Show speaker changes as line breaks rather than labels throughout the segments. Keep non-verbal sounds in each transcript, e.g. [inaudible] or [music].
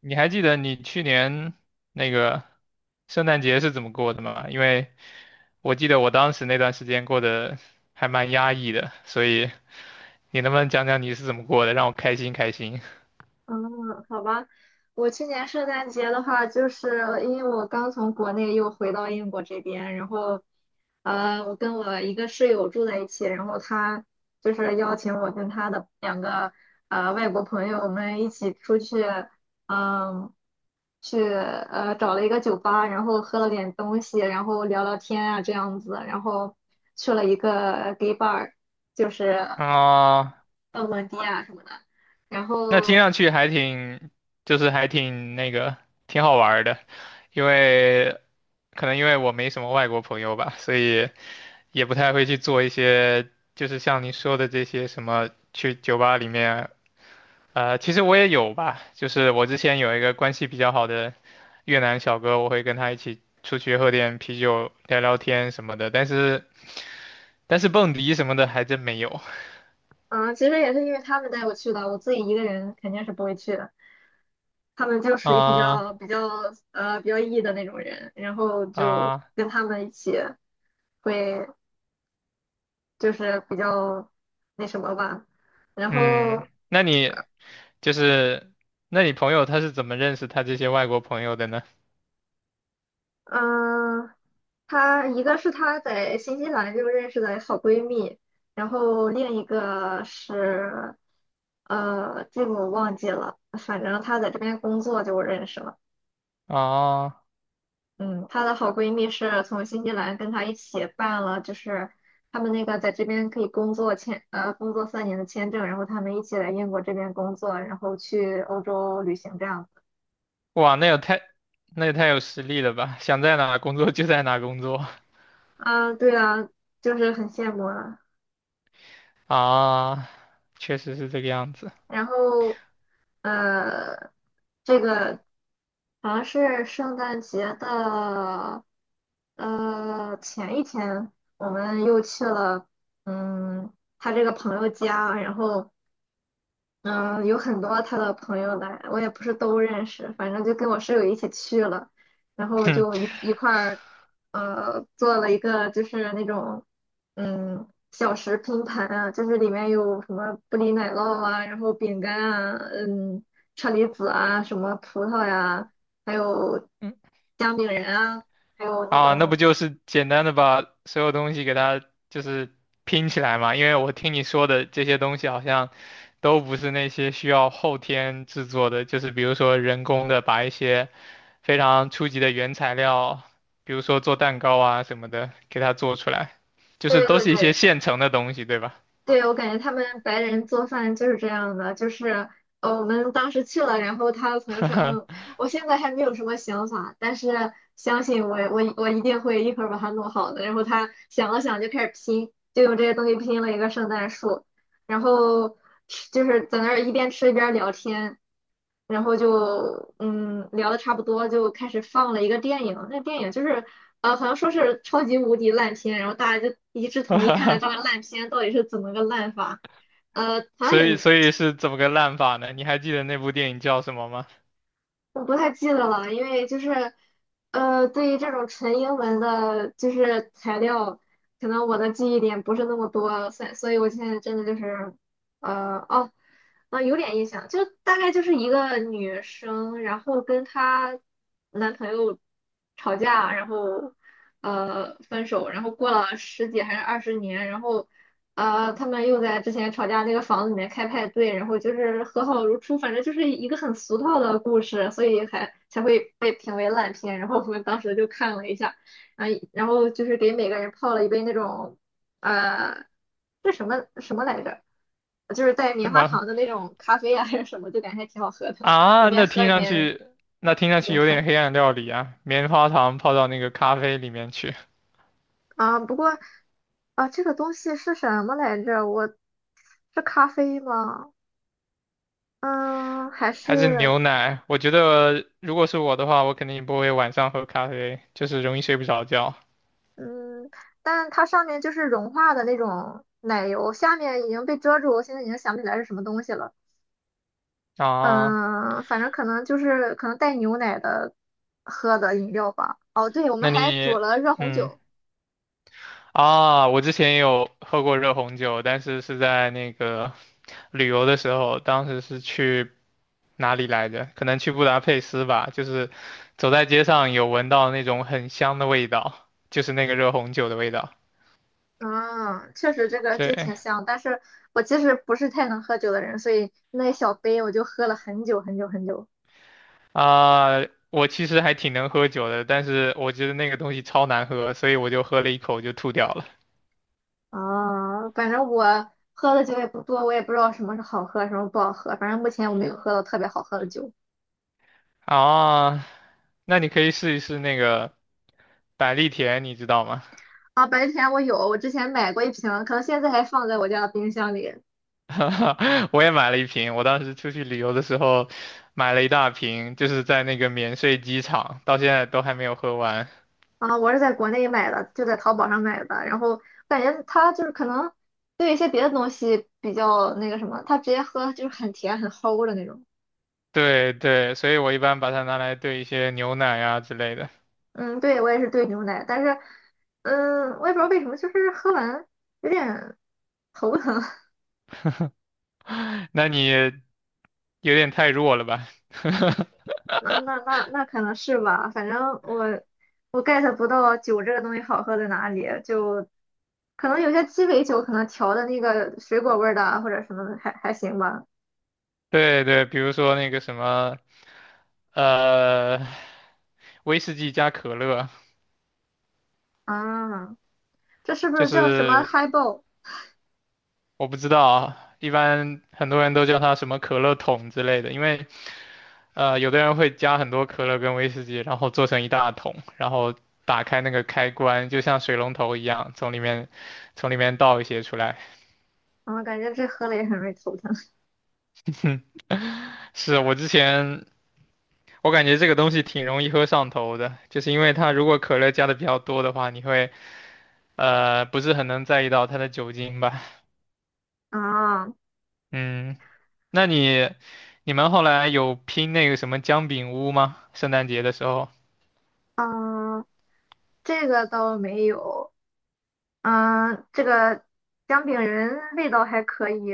你还记得你去年那个圣诞节是怎么过的吗？因为我记得我当时那段时间过得还蛮压抑的，所以你能不能讲讲你是怎么过的，让我开心开心？
嗯，好吧，我去年圣诞节的话，就是因为我刚从国内又回到英国这边，然后，我跟我一个室友住在一起，然后他就是邀请我跟他的两个外国朋友，我们一起出去，嗯，去找了一个酒吧，然后喝了点东西，然后聊聊天啊这样子，然后去了一个 gay bar,就是
啊、
蹦蹦迪啊什么的。然
那听
后
上去还挺，就是还挺那个，挺好玩儿的，因为可能因为我没什么外国朋友吧，所以也不太会去做一些，就是像你说的这些什么去酒吧里面其实我也有吧，就是我之前有一个关系比较好的越南小哥，我会跟他一起出去喝点啤酒、聊聊天什么的，但是蹦迪什么的还真没有。
嗯，其实也是因为他们带我去的，我自己一个人肯定是不会去的。他们就
[laughs]
属于比
啊
较比较比较 E 的那种人，然后就
啊，
跟他们一起会就是比较那什么吧。然
嗯，
后
那你就是，那你朋友他是怎么认识他这些外国朋友的呢？
嗯，她一个是她在新西兰就认识的好闺蜜，然后另一个是这个我忘记了，反正她在这边工作就认识了。
啊，
嗯，她的好闺蜜是从新西兰跟她一起办了，就是他们那个在这边可以工作签，呃，工作3年的签证，然后他们一起来英国这边工作，然后去欧洲旅行这样子。
哇，那也太有实力了吧！想在哪工作就在哪工作 [laughs]
啊，对啊，就是很羡慕啊。
啊，确实是这个样子。[laughs]
然后，呃，这个好像是圣诞节的，前一天，我们又去了，嗯，他这个朋友家，然后。嗯，有很多他的朋友来，我也不是都认识，反正就跟我室友一起去了，然后就一块儿，做了一个就是那种，小食拼盘啊，就是里面有什么布里奶酪啊，然后饼干啊，嗯，车厘子啊，什么葡萄呀，还有
[clears throat]
姜饼人啊，还有那
啊，那
种，
不就是简单的把所有东西给它就是拼起来嘛？因为我听你说的这些东西好像都不是那些需要后天制作的，就是比如说人工的把一些非常初级的原材料，比如说做蛋糕啊什么的，给它做出来，就是
对
都
对
是一些
对，
现成的东西，对吧？
对，我感觉他们白人做饭就是这样的，就是我们当时去了，然后他的朋友说，嗯，我现在还没有什么想法，但是相信我，我一定会一会儿把它弄好的。然后他想了想，就开始拼，就用这些东西拼了一个圣诞树，然后吃就是在那儿一边吃一边聊天。然后就嗯聊的差不多，就开始放了一个电影。那电影就是好像说是超级无敌烂片，然后大家就一致同意看看这
[laughs]
个烂片到底是怎么个烂法。好像
所
也
以所以是怎么个烂法呢？你还记得那部电影叫什么吗？
不太记得了，因为就是对于这种纯英文的，就是材料，可能我的记忆点不是那么多，所以我现在真的就是呃哦。啊，有点印象，就大概就是一个女生，然后跟她男朋友吵架，然后分手，然后过了十几还是20年，然后他们又在之前吵架那个房子里面开派对，然后就是和好如初，反正就是一个很俗套的故事，所以还才会被评为烂片。然后我们当时就看了一下，啊，然后就是给每个人泡了一杯那种呃，这什么什么来着？就是带棉
什
花
么？
糖的那种咖啡啊，还是什么，就感觉还挺好喝的，一
啊，
边
那
喝
听
一
上
边
去，那听上
一
去
边
有点
看
黑暗料理啊，棉花糖泡到那个咖啡里面去，
啊。不过啊，这个东西是什么来着？我是咖啡吗？嗯，还
还是牛
是
奶？我觉得如果是我的话，我肯定不会晚上喝咖啡，就是容易睡不着觉
嗯，但它上面就是融化的那种奶油，下面已经被遮住，我现在已经想不起来是什么东西了。
啊。
嗯，反正可能就是可能带牛奶的喝的饮料吧。哦，对，我们
那
还煮
你，
了热红
嗯，
酒。
啊，我之前也有喝过热红酒，但是是在那个旅游的时候，当时是去哪里来着？可能去布达佩斯吧，就是走在街上有闻到那种很香的味道，就是那个热红酒的味道。
嗯，确实这个就
对
挺香，但是我其实不是太能喝酒的人，所以那一小杯我就喝了很久很久很久。
啊，我其实还挺能喝酒的，但是我觉得那个东西超难喝，所以我就喝了一口就吐掉了。
啊，反正我喝的酒也不多，我也不知道什么是好喝，什么不好喝。反正目前我没有喝到特别好喝的酒。
啊，那你可以试一试那个百利甜，你知道吗？
啊，白天我有，我之前买过一瓶，可能现在还放在我家的冰箱里。
[laughs] 我也买了一瓶，我当时出去旅游的时候买了一大瓶，就是在那个免税机场，到现在都还没有喝完。
啊，我是在国内买的，就在淘宝上买的。然后感觉它就是可能对一些别的东西比较那个什么，它直接喝就是很甜很齁的那种。
对对，所以我一般把它拿来兑一些牛奶啊之类的。
嗯，对，我也是兑牛奶，但是嗯，我也不知道为什么，就是喝完有点头疼。[laughs]
[laughs] 那你有点太弱了吧？
那可能是吧，反正我我 get 不到酒这个东西好喝在哪里，就可能有些鸡尾酒可能调的那个水果味儿的啊或者什么的还行吧。
[laughs] 对对，比如说那个什么呃，威士忌加可乐，
啊。这是不
就
是叫什么
是
嗨爆？g
我不知道啊，一般很多人都叫它什么可乐桶之类的，因为有的人会加很多可乐跟威士忌，然后做成一大桶，然后打开那个开关，就像水龙头一样，从里面倒一些出来。
啊，感觉这喝了也很容易头疼
是我之前。我感觉这个东西挺容易喝上头的，就是因为它如果可乐加的比较多的话，你会不是很能在意到它的酒精吧？
啊。
嗯，那你你们后来有拼那个什么姜饼屋吗？圣诞节的时候
嗯，这个倒没有。嗯，这个姜饼人味道还可以。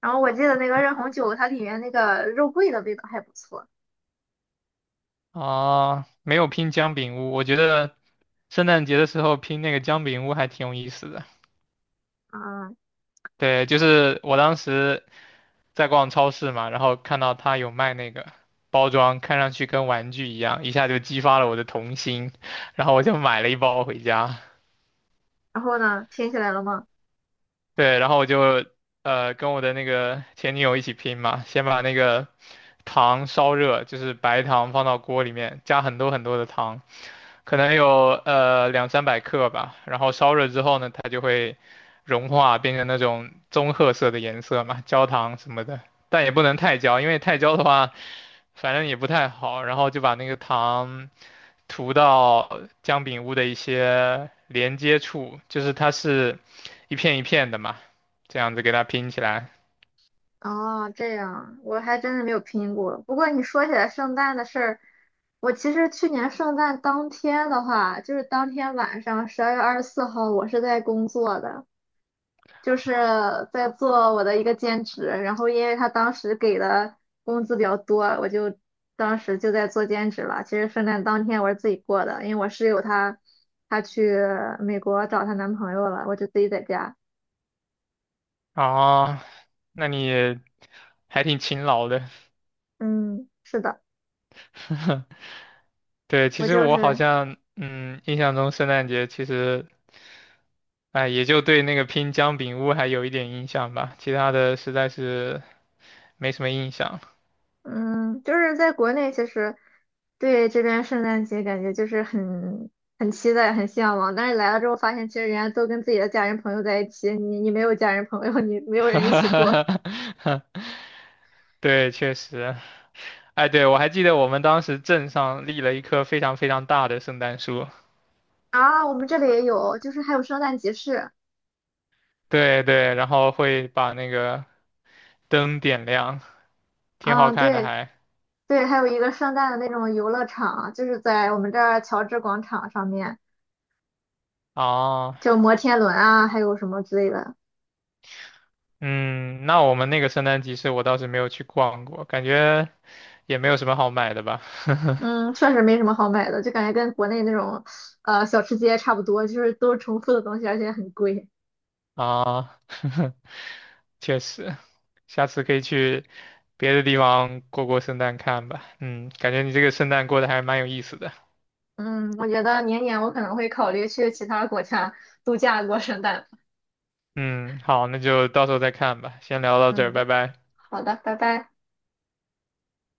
然后我记得那个热红酒，它里面那个肉桂的味道还不错。
啊，没有拼姜饼屋。我觉得圣诞节的时候拼那个姜饼屋还挺有意思的。
嗯，
对，就是我当时在逛超市嘛，然后看到他有卖那个包装，看上去跟玩具一样，一下就激发了我的童心，然后我就买了一包回家。
然后呢，拼起来了吗？
对，然后我就跟我的那个前女友一起拼嘛，先把那个糖烧热，就是白糖放到锅里面，加很多很多的糖，可能有200~300克吧，然后烧热之后呢，它就会融化，变成那种棕褐色的颜色嘛，[laughs] 焦糖什么的，但也不能太焦，因为太焦的话，反正也不太好。然后就把那个糖涂到姜饼屋的一些连接处，就是它是一片一片的嘛，这样子给它拼起来。
哦，这样，我还真是没有拼过。不过你说起来圣诞的事儿，我其实去年圣诞当天的话，就是当天晚上12月24号，我是在工作的。就是在做我的一个兼职，然后因为他当时给的工资比较多，我就当时就在做兼职了。其实圣诞当天我是自己过的，因为我室友她她去美国找她男朋友了，我就自己在家。
啊，那你还挺勤劳的。
嗯，是的，
[laughs] 对，其
我
实
就
我好
是
像，嗯，印象中圣诞节其实，哎，也就对那个拼姜饼屋还有一点印象吧，其他的实在是没什么印象。
嗯，就是在国内其实对这边圣诞节感觉就是很期待、很向往，但是来了之后发现，其实人家都跟自己的家人朋友在一起，你没有家人朋友，你没有人一起过。
[laughs] 对，确实，哎，对，我还记得我们当时镇上立了一棵非常非常大的圣诞树，
啊，我们这里也有，就是还有圣诞集市，
对对，然后会把那个灯点亮，挺好
啊，
看的
对
还。
对，还有一个圣诞的那种游乐场，就是在我们这儿乔治广场上面，
哦
就摩天轮啊，还有什么之类的。
嗯，那我们那个圣诞集市我倒是没有去逛过，感觉也没有什么好买的吧。[laughs]
嗯，确实没什么好买的，就感觉跟国内那种小吃街差不多，就是都是重复的东西，而且很贵。
啊，[laughs] 确实，下次可以去别的地方过过圣诞看吧。嗯，感觉你这个圣诞过得还蛮有意思的。
嗯，我觉得明年我可能会考虑去其他国家度假过圣诞。
嗯，好，那就到时候再看吧。先聊到这儿，
嗯，
拜拜。
好的，拜拜。